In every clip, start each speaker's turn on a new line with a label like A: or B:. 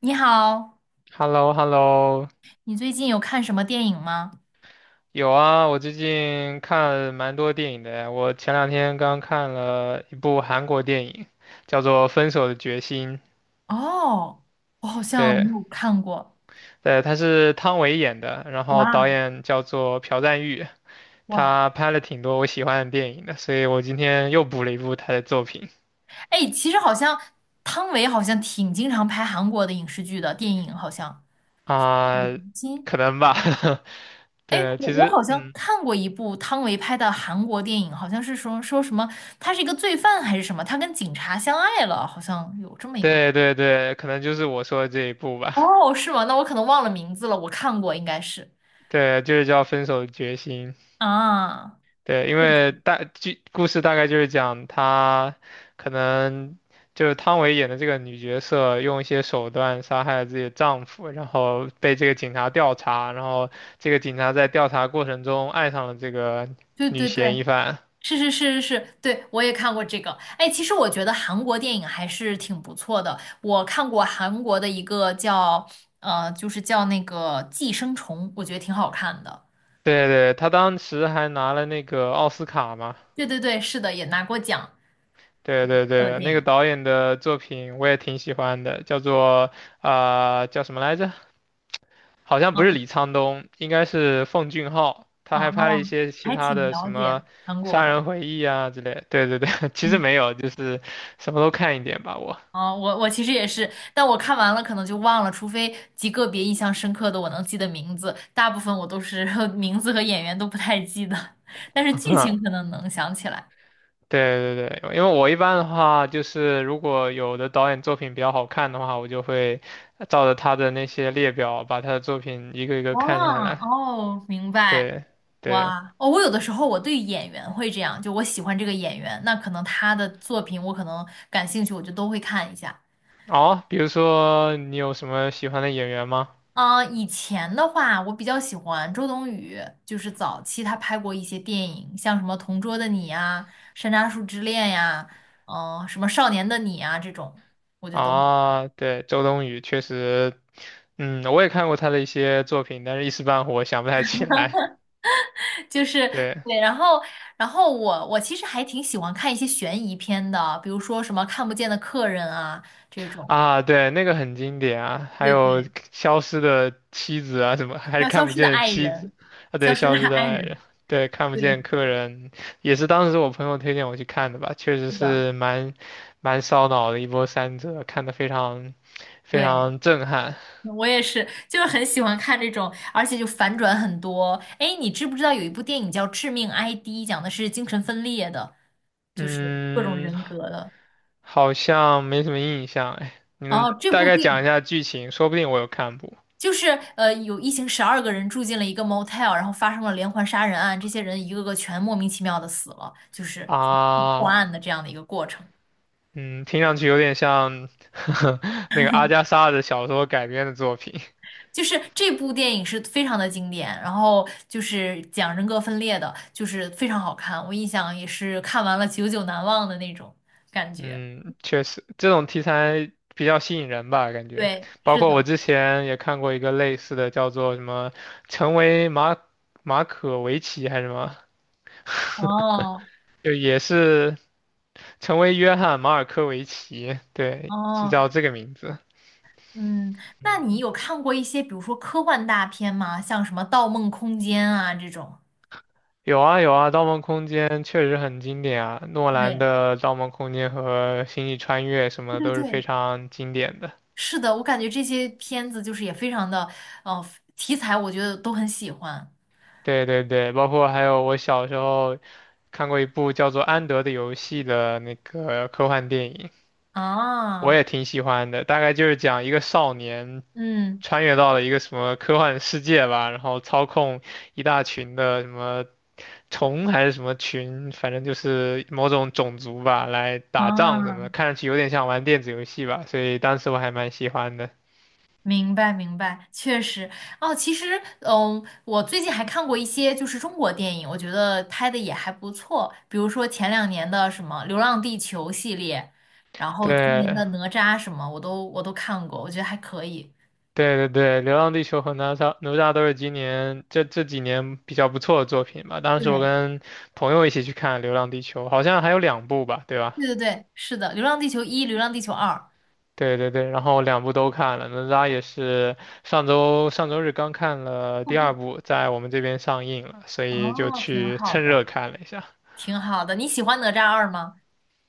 A: 你好，
B: h e l l o h e l l o
A: 你最近有看什么电影吗？
B: 有啊，我最近看蛮多电影的。我前两天刚看了一部韩国电影，叫做《分手的决心》。
A: 哦，我好像没
B: 对，
A: 有看过。
B: 对，他是汤唯演的，然后导
A: 哇
B: 演叫做朴赞郁，
A: 哇，
B: 他拍了挺多我喜欢的电影的，所以我今天又补了一部他的作品
A: 哎，其实好像汤唯好像挺经常拍韩国的影视剧的电影，好像。
B: 啊，
A: 嗯金，
B: 可能吧。
A: 哎，
B: 对，
A: 我
B: 其
A: 我好
B: 实，
A: 像
B: 嗯，
A: 看过一部汤唯拍的韩国电影，好像是说说什么，他是一个罪犯还是什么，他跟警察相爱了，好像有这么一个。
B: 对对对，可能就是我说的这一部吧。
A: 哦，是吗？那我可能忘了名字了，我看过应该是。
B: 对，就是叫《分手的决心》。
A: 啊，
B: 对，因为大剧故事大概就是讲她可能就是汤唯演的这个女角色用一些手段杀害了自己的丈夫，然后被这个警察调查，然后这个警察在调查过程中爱上了这个
A: 对
B: 女
A: 对对，
B: 嫌疑犯。
A: 是是是是是，对，我也看过这个。哎，其实我觉得韩国电影还是挺不错的。我看过韩国的一个叫就是叫那个《寄生虫》，我觉得挺好看的。
B: 对对，她当时还拿了那个奥斯卡嘛。
A: 对对对，是的，也拿过奖
B: 对对
A: 的
B: 对，
A: 电
B: 那个
A: 影。
B: 导演的作品我也挺喜欢的，叫做叫什么来着？好像不
A: 嗯，
B: 是李沧东，应该是奉俊昊，他
A: 哦，
B: 还拍了一些其
A: 还
B: 他
A: 挺
B: 的什
A: 了
B: 么
A: 解韩国
B: 《杀
A: 的。
B: 人回忆》啊之类。对对对，其实
A: 嗯，
B: 没有，就是什么都看一点吧，我。
A: 啊，我其实也是，但我看完了可能就忘了，除非极个别印象深刻的我能记得名字，大部分我都是 名字和演员都不太记得，但是剧 情可能能想起来。
B: 对对对，因为我一般的话，就是如果有的导演作品比较好看的话，我就会照着他的那些列表，把他的作品一个一个
A: 哇
B: 看下来。
A: 哦，明白。
B: 对对，
A: 哇哦，我有的时候我对演员会这样，就我喜欢这个演员，那可能他的作品我可能感兴趣，我就都会看一下。
B: 哦，比如说你有什么喜欢的演员吗？
A: 啊、以前的话，我比较喜欢周冬雨，就是早期她拍过一些电影，像什么《同桌的你》呀，《山楂树之恋》呀，什么《少年的你》啊这种，我就都
B: 啊，对，周冬雨确实，我也看过她的一些作品，但是一时半会儿想不太起来。
A: 就是
B: 对
A: 对。然后我其实还挺喜欢看一些悬疑片的，比如说什么《看不见的客人》啊这种。
B: 啊，对，那个很经典啊，还
A: 对
B: 有
A: 对，
B: 消失的妻子啊，什么还是
A: 叫消
B: 看不
A: 失
B: 见
A: 的
B: 的
A: 爱
B: 妻子
A: 人，
B: 啊，
A: 消
B: 对，
A: 失的
B: 消失的
A: 爱
B: 爱
A: 人，
B: 人，对，看不见
A: 对，
B: 客人，也是当时我朋友推荐我去看的吧，确实
A: 是的，
B: 是蛮烧脑的一波三折，看的非常非
A: 对，
B: 常震撼。
A: 我也是，就是很喜欢看这种，而且就反转很多。哎，你知不知道有一部电影叫《致命 ID》,讲的是精神分裂的，就是各种
B: 嗯，
A: 人格的。
B: 好像没什么印象哎，你能
A: 哦，这
B: 大
A: 部
B: 概
A: 电
B: 讲一
A: 影
B: 下剧情？说不定我有看过
A: 就是有一行12个人住进了一个 motel,然后发生了连环杀人案，这些人一个个全莫名其妙的死了，就是破
B: 啊。
A: 案的这样的一个过程。
B: 嗯，听上去有点像 那个阿加莎的小说改编的作品。
A: 就是这部电影是非常的经典，然后就是讲人格分裂的，就是非常好看，我印象也是看完了久久难忘的那种感觉。
B: 嗯，确实，这种题材比较吸引人吧，感觉。
A: 对，
B: 包
A: 是
B: 括
A: 的。
B: 我之前也看过一个类似的，叫做什么《成为马可维奇》还是什么，
A: 哦
B: 就也是成为约翰马尔科维奇，对，是
A: 哦，
B: 叫这个名字。
A: 嗯，那
B: 嗯
A: 你有看过一些比如说科幻大片吗？像什么《盗梦空间》啊这种？
B: 有啊有啊，《盗梦空间》确实很经典啊，诺兰
A: 对，
B: 的《盗梦空间》和《星际穿越》什么
A: 对
B: 的
A: 对
B: 都是非
A: 对，
B: 常经典的。
A: 是的，我感觉这些片子就是也非常的，呃，题材我觉得都很喜欢
B: 对对对，包括还有我小时候看过一部叫做《安德的游戏》的那个科幻电影，我
A: 啊，
B: 也挺喜欢的。大概就是讲一个少年
A: 嗯
B: 穿越到了一个什么科幻世界吧，然后操控一大群的什么虫还是什么群，反正就是某种种族吧，来打仗什么
A: 啊。
B: 的，看上去有点像玩电子游戏吧，所以当时我还蛮喜欢的。
A: 明白，明白，确实哦。其实，嗯，我最近还看过一些就是中国电影，我觉得拍的也还不错。比如说前2年的什么《流浪地球》系列，然后今年
B: 对，
A: 的《哪吒》什么，我都看过，我觉得还可以。
B: 对对对，《流浪地球》和哪吒都是今年这几年比较不错的作品吧。当时我
A: 对，
B: 跟朋友一起去看《流浪地球》，好像还有两部吧，对吧？
A: 对对对，是的，《流浪地球一》《流浪地球二》，
B: 对对对，然后两部都看了，哪吒也是上周日刚看了第二部，在我们这边上映了，所以就
A: 哦，挺
B: 去
A: 好
B: 趁热
A: 的，
B: 看了一下。
A: 挺好的。你喜欢《哪吒二》吗？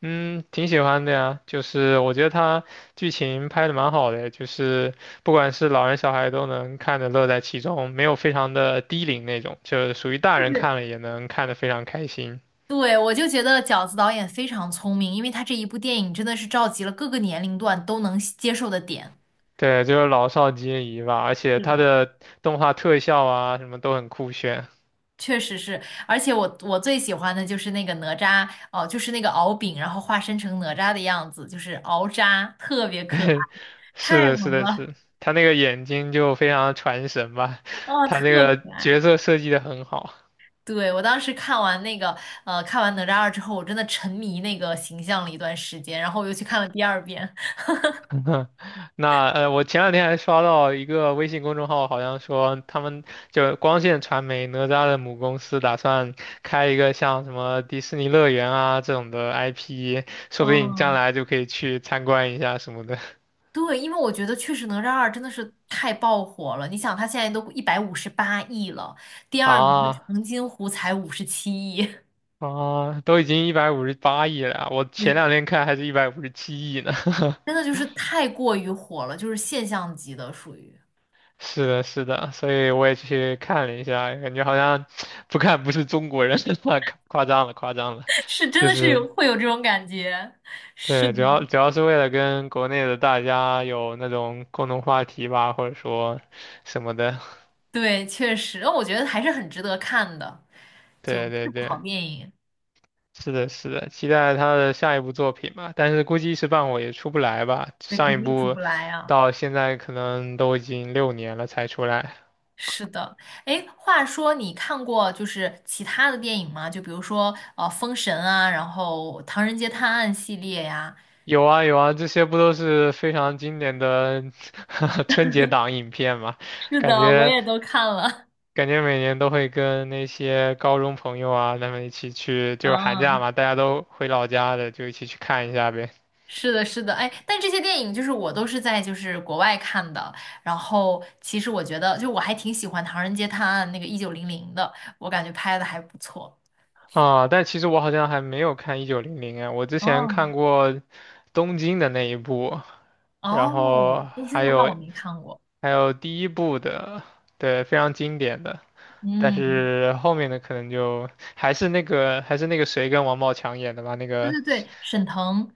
B: 嗯，挺喜欢的呀，就是我觉得它剧情拍的蛮好的，就是不管是老人小孩都能看着乐在其中，没有非常的低龄那种，就是属于大
A: 就
B: 人看
A: 是
B: 了也能看得非常开心。
A: 对，我就觉得饺子导演非常聪明，因为他这一部电影真的是召集了各个年龄段都能接受的点。
B: 对，就是老少皆宜吧，而且
A: 是
B: 它
A: 的。
B: 的动画特效啊什么都很酷炫。
A: 确实是，而且我最喜欢的就是那个哪吒哦，就是那个敖丙，然后化身成哪吒的样子，就是敖吒，特别可爱，
B: 是
A: 太
B: 的，是
A: 萌
B: 的，
A: 了，
B: 是，他那个眼睛就非常传神吧，
A: 啊，
B: 他
A: 特
B: 那个
A: 可
B: 角
A: 爱。
B: 色设计的很好。
A: 对，我当时看完那个看完哪吒二之后，我真的沉迷那个形象了一段时间，然后我又去看了第二遍。
B: 那我前两天还刷到一个微信公众号，好像说他们就光线传媒哪吒的母公司打算开一个像什么迪士尼乐园啊这种的 IP，说不定你将
A: 嗯，
B: 来就可以去参观一下什么的
A: 对，因为我觉得确实哪吒二真的是太爆火了，你想它现在都158亿了，第二名的
B: 啊
A: 长津湖才57亿。
B: 啊，都已经158亿了啊我前
A: 对
B: 两天看还是157亿呢。
A: 真的 就是太过于火了，就是现象级的，属于
B: 是的，是的，所以我也去看了一下，感觉好像 不看不是中国人，夸夸张了，夸张了，
A: 是真
B: 就
A: 的是
B: 是。
A: 有会有这种感觉，是
B: 对，
A: 的，
B: 主要是为了跟国内的大家有那种共同话题吧，或者说什么的。
A: 对，确实，我觉得还是很值得看的，就
B: 对对
A: 是不好
B: 对，
A: 电影，
B: 是的，是的，期待他的下一部作品吧。但是估计一时半会也出不来吧，
A: 对，
B: 上一
A: 肯定出
B: 部
A: 不来啊。
B: 到现在可能都已经6年了才出来。
A: 是的，哎，话说你看过就是其他的电影吗？就比如说《封神》啊，然后《唐人街探案》系列呀，
B: 有啊有啊，这些不都是非常经典的 春节档影片嘛？
A: 是
B: 感
A: 的，我
B: 觉
A: 也都看了。
B: 感觉每年都会跟那些高中朋友啊，他们一起去，就是寒假
A: 嗯，
B: 嘛，大家都回老家的，就一起去看一下呗。
A: 是的，是的，哎，但这些电影就是我都是在就是国外看的，然后其实我觉得就我还挺喜欢《唐人街探案》那个1900的，我感觉拍的还不错。
B: 啊，但其实我好像还没有看《一九零零》啊，我之前
A: 哦
B: 看过东京的那一部，然后
A: 哦，东京
B: 还
A: 的那
B: 有
A: 我没看过。
B: 还有第一部的，对，非常经典的。但
A: 嗯，
B: 是后面的可能就还是那个谁跟王宝强演的吧，那
A: 对
B: 个
A: 对对，沈腾，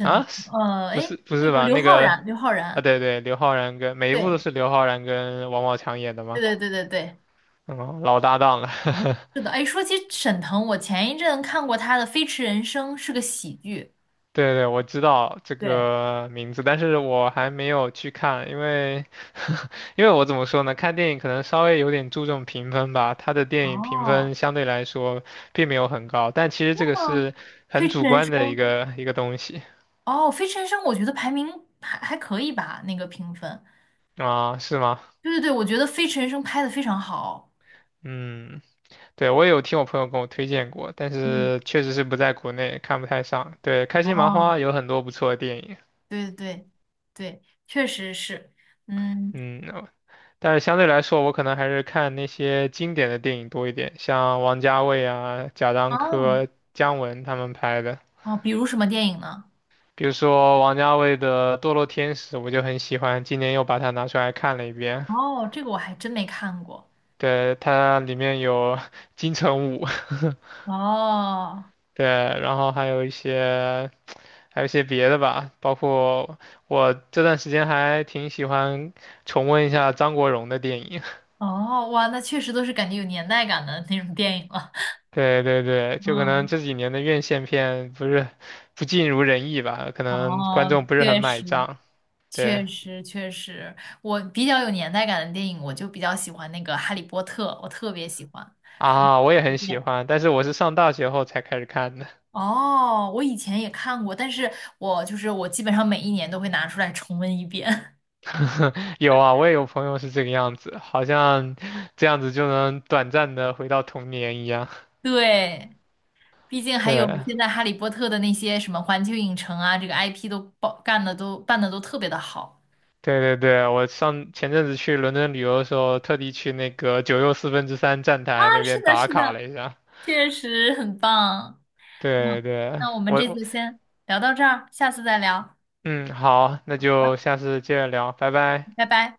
B: 啊，是不
A: 哎，
B: 是不
A: 那
B: 是
A: 个
B: 吧？
A: 刘
B: 那
A: 昊
B: 个
A: 然，刘昊
B: 啊，
A: 然，
B: 对对，刘昊然跟每一部都
A: 对
B: 是刘昊然跟王宝强演的
A: 对
B: 嘛，
A: 对对对对，
B: 嗯，老搭档了。
A: 是的。哎，说起沈腾，我前一阵看过他的《飞驰人生》，是个喜剧。
B: 对对，我知道这
A: 对，
B: 个名字，但是我还没有去看，因为 因为我怎么说呢，看电影可能稍微有点注重评分吧，他的电影评
A: 哦，
B: 分相对来说并没有很高，但其实
A: 是
B: 这个
A: 吗？
B: 是
A: 《飞
B: 很
A: 驰
B: 主
A: 人
B: 观
A: 生》。
B: 的一个东西
A: 哦，《飞驰人生》我觉得排名还可以吧，那个评分。
B: 啊，是吗？
A: 对对对，我觉得《飞驰人生》拍的非常好。
B: 嗯，对，我也有听我朋友跟我推荐过，但
A: 嗯，
B: 是确实是不在国内看不太上。对，开心麻花
A: 哦，
B: 有很多不错的电影。
A: 对对对对，确实是。嗯，
B: 嗯，但是相对来说，我可能还是看那些经典的电影多一点，像王家卫啊、贾樟
A: 哦
B: 柯、姜文他们拍的。
A: 哦，比如什么电影呢？
B: 比如说王家卫的《堕落天使》，我就很喜欢，今年又把它拿出来看了一遍。
A: 哦，这个我还真没看过。
B: 对，它里面有 金城武，
A: 哦
B: 对，然后还有一些别的吧，包括我这段时间还挺喜欢重温一下张国荣的电影。
A: 哦，哇，那确实都是感觉有年代感的那种电影了。
B: 对对对，就可能
A: 嗯，
B: 这几年的院线片不是不尽如人意吧，可能观
A: 哦，
B: 众不是很
A: 确
B: 买
A: 实，
B: 账。对
A: 确实，确实，我比较有年代感的电影，我就比较喜欢那个《哈利波特》，我特别喜欢看过
B: 啊，我也
A: 无
B: 很
A: 数
B: 喜
A: 遍。
B: 欢，但是我是上大学后才开始看的。
A: 哦，我以前也看过，但是我就是我基本上每一年都会拿出来重温一遍。
B: 有啊，我也有朋友是这个样子，好像这样子就能短暂的回到童年一样。
A: 对，毕竟还有
B: 对
A: 现在《哈利波特》的那些什么环球影城啊，这个 IP 都包干的都办的都特别的好。
B: 对对对，我上前阵子去伦敦旅游的时候，特地去那个九又四分之三站
A: 啊，
B: 台那
A: 是
B: 边
A: 的，
B: 打
A: 是
B: 卡
A: 的，
B: 了一下。
A: 确实很棒。嗯，
B: 对对，
A: 那我们
B: 我
A: 这
B: 我
A: 次先聊到这儿，下次再聊，
B: 嗯好，那就下次接着聊，拜拜。
A: 拜拜。